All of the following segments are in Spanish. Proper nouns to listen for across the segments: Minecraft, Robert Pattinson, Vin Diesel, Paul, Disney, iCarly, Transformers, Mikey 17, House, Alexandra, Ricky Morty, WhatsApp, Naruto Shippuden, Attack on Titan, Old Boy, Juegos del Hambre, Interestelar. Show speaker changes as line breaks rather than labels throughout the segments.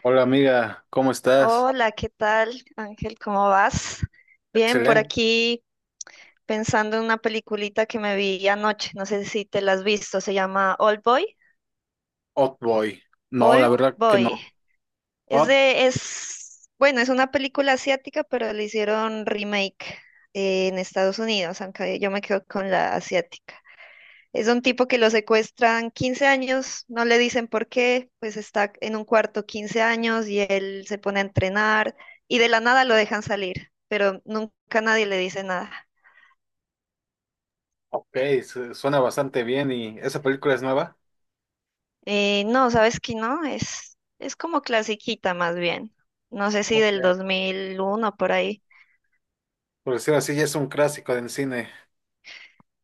Hola amiga, ¿cómo estás?
Hola, ¿qué tal, Ángel? ¿Cómo vas? Bien, por
Excelente.
aquí pensando en una peliculita que me vi anoche, no sé si te la has visto, se llama Old Boy.
Boy. No, la
Old
verdad que
Boy.
no. Hot,
Bueno, es una película asiática, pero le hicieron remake en Estados Unidos, aunque yo me quedo con la asiática. Es un tipo que lo secuestran 15 años, no le dicen por qué, pues está en un cuarto 15 años y él se pone a entrenar y de la nada lo dejan salir, pero nunca nadie le dice nada.
ok, suena bastante bien y esa película es nueva.
No, ¿sabes qué? No, es como clasiquita más bien. No sé si
Ok.
del 2001 por ahí.
Por decirlo así, ya es un clásico del cine.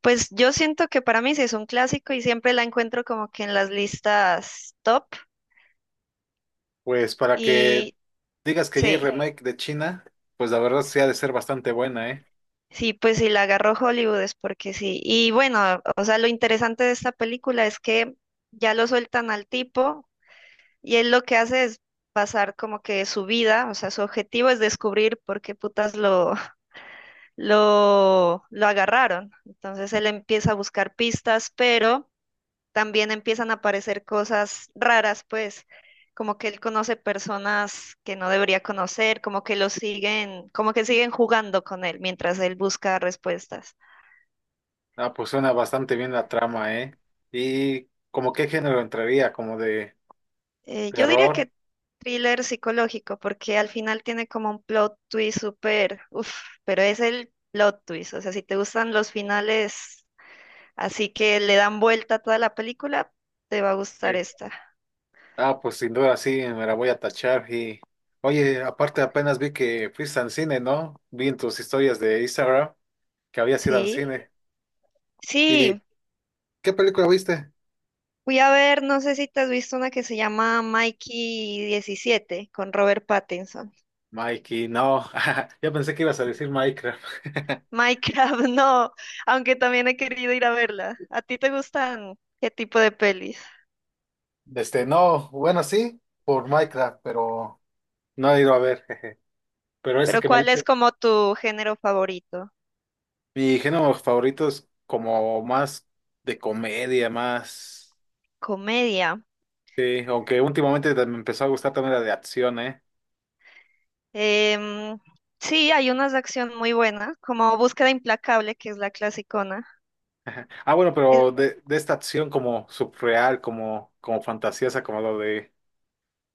Pues yo siento que para mí sí es un clásico y siempre la encuentro como que en las listas top
Pues para que
y
digas que ya hay
sí.
remake de China, pues la verdad sí ha de ser bastante buena, ¿eh?
Sí, pues sí, la agarró Hollywood es porque sí. Y bueno, o sea, lo interesante de esta película es que ya lo sueltan al tipo y él lo que hace es pasar como que su vida, o sea, su objetivo es descubrir por qué putas lo, lo agarraron. Entonces él empieza a buscar pistas, pero también empiezan a aparecer cosas raras, pues, como que él conoce personas que no debería conocer, como que lo siguen, como que siguen jugando con él mientras él busca respuestas.
Ah, pues suena bastante bien la trama, ¿eh? ¿Y como qué género entraría? ¿Como de
Yo diría
terror?
que thriller psicológico, porque al final tiene como un plot twist súper, uff, pero es el plot twist. O sea, si te gustan los finales así que le dan vuelta a toda la película, te va a gustar esta.
Ah, pues sin duda sí, me la voy a tachar y... Oye, aparte apenas vi que fuiste al cine, ¿no? Vi en tus historias de Instagram que habías ido al
Sí,
cine. ¿Y
sí,
qué película viste?
fui a ver, no sé si te has visto una que se llama Mikey 17 con Robert Pattinson.
Mikey, no. Yo pensé que ibas a decir Minecraft.
Minecraft, no, aunque también he querido ir a verla. ¿A ti te gustan qué tipo de pelis?
Este, no, bueno, sí, por Minecraft, pero no he ido a ver, jeje. Pero esa
Pero
que me
¿cuál es
dice,
como tu género favorito?
mi género favorito es como más de comedia, más...
Comedia.
Sí, aunque últimamente me empezó a gustar también la de acción, ¿eh?
Em, sí, hay unas de acción muy buenas, como Búsqueda Implacable, que es la clasicona.
Ah, bueno,
Es-
pero de esta acción como subreal, como fantasiosa, como lo de,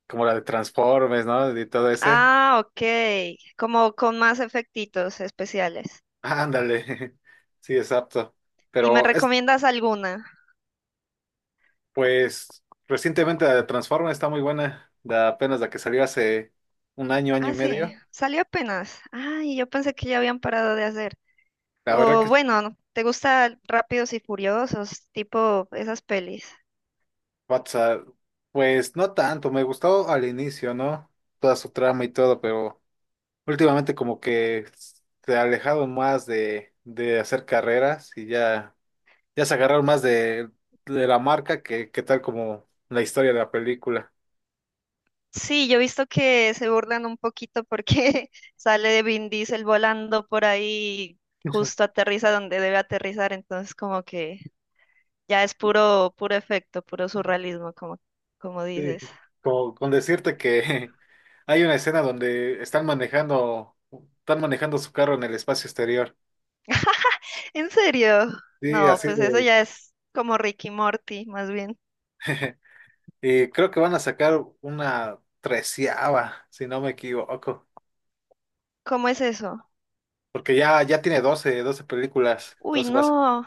como la de Transformers, ¿no? Y todo ese.
ah, ok. Como con más efectitos especiales.
Ándale. Sí, exacto.
¿Y me
Pero es,
recomiendas alguna?
pues, recientemente la de Transformers está muy buena. La, apenas la que salió hace un año, año y
Ah, sí,
medio.
salió apenas. Ay, yo pensé que ya habían parado de hacer.
La verdad
O
que sí,
bueno, ¿te gusta Rápidos y Furiosos, tipo esas pelis?
WhatsApp, pues no tanto. Me gustó al inicio, ¿no? Toda su trama y todo, pero últimamente como que se alejaron más de hacer carreras y ya. Ya se agarraron más de la marca que tal como la historia de la película.
Sí, yo he visto que se burlan un poquito porque sale de Vin Diesel volando por ahí, justo aterriza donde debe aterrizar, entonces como que ya es puro, puro efecto, puro surrealismo, como,
Sí.
dices.
Como con decirte que hay una escena donde están manejando su carro en el espacio exterior.
¿En serio?
Sí,
No,
así
pues eso
de.
ya es como Ricky Morty, más bien.
Y creo que van a sacar una treceava, si no me equivoco.
¿Cómo es eso?
Porque ya, ya tiene doce películas.
Uy,
Entonces vas.
no.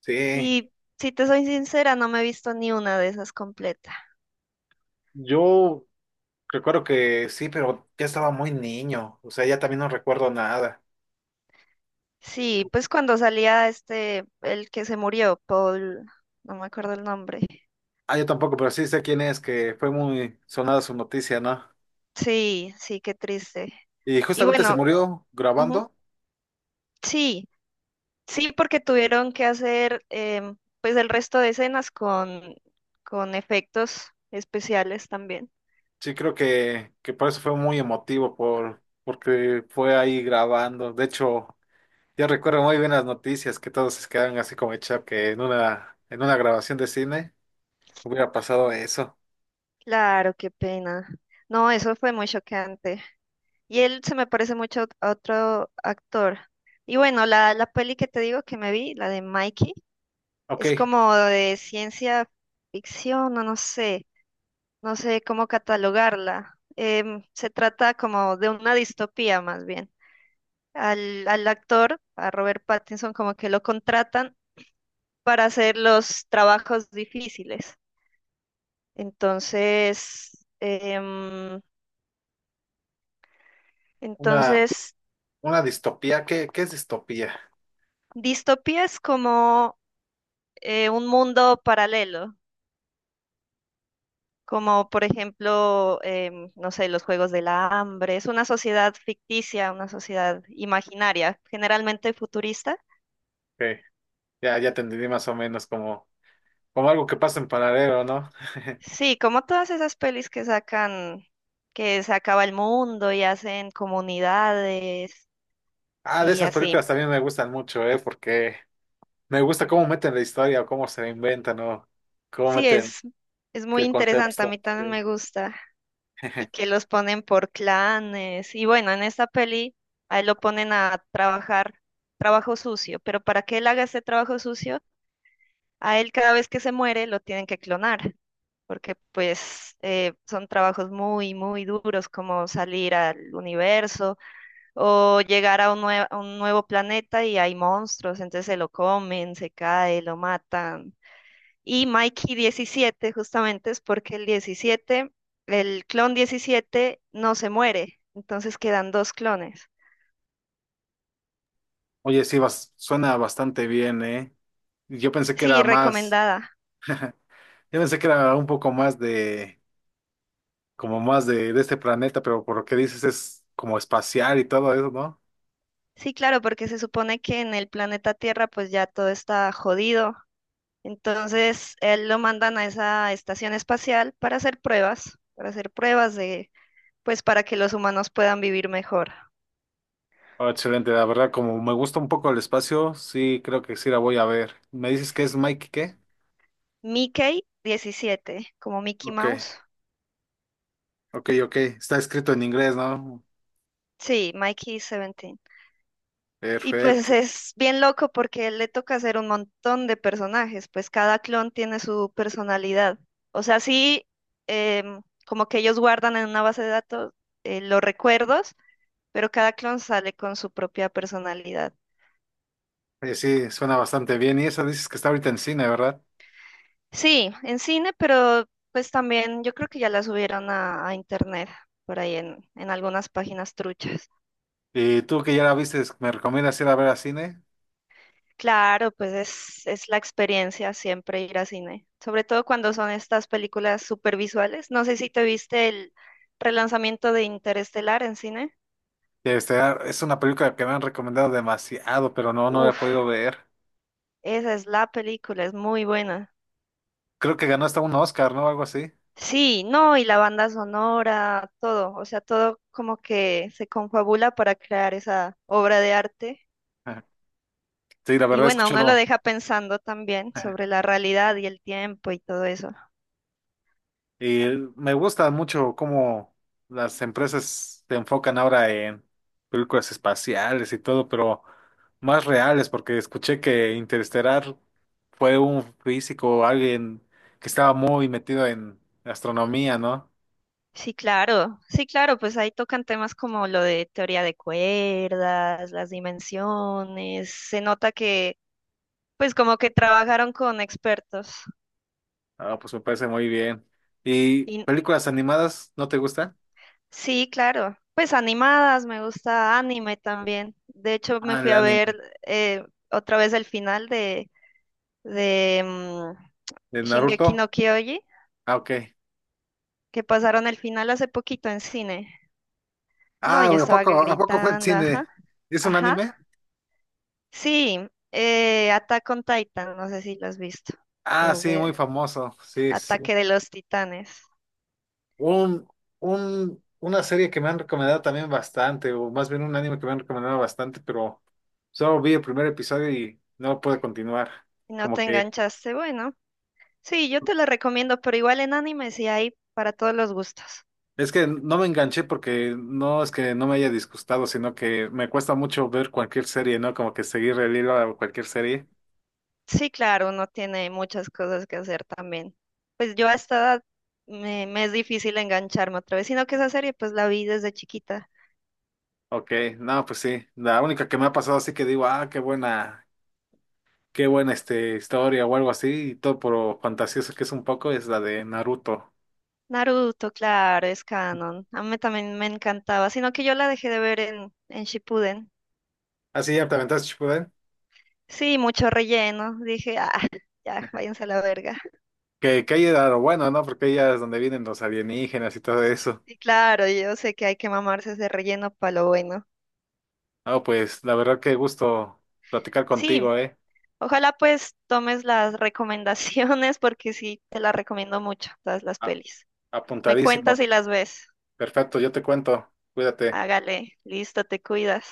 Sí.
Y si te soy sincera, no me he visto ni una de esas completa.
Yo recuerdo que sí, pero ya estaba muy niño. O sea, ya también no recuerdo nada.
Sí, pues cuando salía este, el que se murió, Paul, no me acuerdo el nombre.
Ah, yo tampoco, pero sí sé quién es, que fue muy sonada su noticia, ¿no?
Sí, sí, qué triste.
Y
Y
justamente se
bueno,
murió
ujú,
grabando.
sí, sí, porque tuvieron que hacer pues el resto de escenas con, efectos especiales también.
Sí, creo que por eso fue muy emotivo, porque fue ahí grabando. De hecho, yo recuerdo muy bien las noticias, que todos se quedaron así como hecha que en en una grabación de cine hubiera pasado eso.
Claro, qué pena. No, eso fue muy chocante. Y él se me parece mucho a otro actor. Y bueno, la peli que te digo que me vi, la de Mikey. Es
Ok,
como de ciencia ficción, o no sé, no sé cómo catalogarla. Se trata como de una distopía más bien. Al actor, a Robert Pattinson, como que lo contratan para hacer los trabajos difíciles. Entonces, em,
una,
entonces,
una distopía. Qué es distopía?
distopía es como un mundo paralelo como por ejemplo, no sé, los Juegos del Hambre. Es una sociedad ficticia, una sociedad imaginaria, generalmente futurista.
Ok, ya, ya te entendí más o menos como algo que pasa en paralelo, ¿no?
Sí, como todas esas pelis que sacan, que se acaba el mundo y hacen comunidades
Ah, de
y
esas
así.
películas también me gustan mucho, ¿eh? Porque me gusta cómo meten la historia, cómo se la inventan, ¿no? Cómo
Sí,
meten
es muy
qué
interesante, a mí
contexto.
también
Sí.
me gusta. Y que los ponen por clanes. Y bueno, en esta peli a él lo ponen a trabajar trabajo sucio, pero para que él haga ese trabajo sucio, a él cada vez que se muere lo tienen que clonar, porque pues son trabajos muy, muy duros como salir al universo o llegar a un nuevo planeta y hay monstruos, entonces se lo comen, se cae, lo matan. Y Mikey 17 justamente es porque el clon 17 no se muere, entonces quedan dos clones.
Oye, sí, suena bastante bien, ¿eh? Yo pensé que era
Sí,
más,
recomendada.
yo pensé que era un poco más de, como más de este planeta, pero por lo que dices es como espacial y todo eso, ¿no?
Sí, claro, porque se supone que en el planeta Tierra pues ya todo está jodido. Entonces, él lo mandan a esa estación espacial para hacer pruebas, de, pues, para que los humanos puedan vivir mejor.
Oh, excelente, la verdad, como me gusta un poco el espacio, sí, creo que sí la voy a ver. ¿Me dices que es Mike qué?
Mickey 17, como Mickey
Ok,
Mouse.
ok, ok. Está escrito en inglés, ¿no?
Sí, Mikey 17. Y pues
Perfecto.
es bien loco porque él le toca hacer un montón de personajes, pues cada clon tiene su personalidad. O sea, sí, como que ellos guardan en una base de datos los recuerdos, pero cada clon sale con su propia personalidad.
Oye, sí, suena bastante bien. Y esa dices que está ahorita en cine, ¿verdad?
Sí, en cine, pero pues también yo creo que ya la subieron a, internet, por ahí en algunas páginas truchas.
Y tú que ya la viste, ¿me recomiendas ir a ver a cine?
Claro, pues es la experiencia siempre ir a cine, sobre todo cuando son estas películas supervisuales. No sé si te viste el relanzamiento de Interestelar en cine.
Este, ah, es una película que me han recomendado demasiado, pero no, no la he
Uf,
podido ver.
esa es la película, es muy buena.
Creo que ganó hasta un Oscar, ¿no? Algo así.
Sí, no, y la banda sonora, todo, o sea, todo como que se confabula para crear esa obra de arte.
Ajá. Sí, la
Y
verdad, he
bueno, uno lo
escuchado.
deja pensando también sobre la realidad y el tiempo y todo eso.
Y me gusta mucho cómo las empresas se enfocan ahora en películas espaciales y todo, pero más reales, porque escuché que Interestelar fue un físico, alguien que estaba muy metido en astronomía, ¿no?
Sí, claro, sí, claro, pues ahí tocan temas como lo de teoría de cuerdas, las dimensiones, se nota que pues como que trabajaron con expertos.
Ah, pues me parece muy bien. ¿Y
Y
películas animadas no te gustan?
sí, claro, pues animadas, me gusta anime también. De hecho, me
Ah,
fui
el
a
anime
ver eh, otra vez el final de, de
de
Shingeki
Naruto.
no Kyoji,
Ah, ok.
que pasaron el final hace poquito en cine. No,
Ah,
yo estaba que
a poco fue en
gritando,
cine?
ajá,
¿Es un
ajá.
anime?
Sí, Attack on Titan, no sé si lo has visto.
Ah,
O
sí, muy
que-
famoso. Sí, sí. Sí.
Ataque de los Titanes.
Un, una serie que me han recomendado también bastante, o más bien un anime que me han recomendado bastante, pero solo vi el primer episodio y no pude continuar.
Si no
Como
te
que
enganchaste, bueno. Sí, yo te lo recomiendo, pero igual en anime sí hay para todos los gustos.
es que no me enganché porque no es que no me haya disgustado, sino que me cuesta mucho ver cualquier serie, ¿no? Como que seguir el hilo a cualquier serie.
Sí, claro, uno tiene muchas cosas que hacer también. Pues yo a esta edad me, es difícil engancharme otra vez, sino que esa serie pues la vi desde chiquita.
Ok, no, pues sí. La única que me ha pasado así que digo, ah, qué buena este, historia o algo así, y todo por fantasioso que es un poco, es la de Naruto.
Naruto, claro, es canon. A mí también me encantaba, sino que yo la dejé de ver en Shippuden.
Así ya te aventaste, ¿Shippuden?
Sí, mucho relleno. Dije, ah, ya, váyanse a la verga.
Que ahí era lo bueno, ¿no? Porque ahí es donde vienen los alienígenas y todo eso.
Y claro, yo sé que hay que mamarse ese relleno para lo bueno.
No, pues la verdad que gusto platicar
Sí,
contigo, ¿eh?
ojalá pues tomes las recomendaciones porque sí, te las recomiendo mucho, todas las
A-
pelis. Me cuentas
Apuntadísimo.
si las ves.
Perfecto, yo te cuento. Cuídate.
Hágale, listo, te cuidas.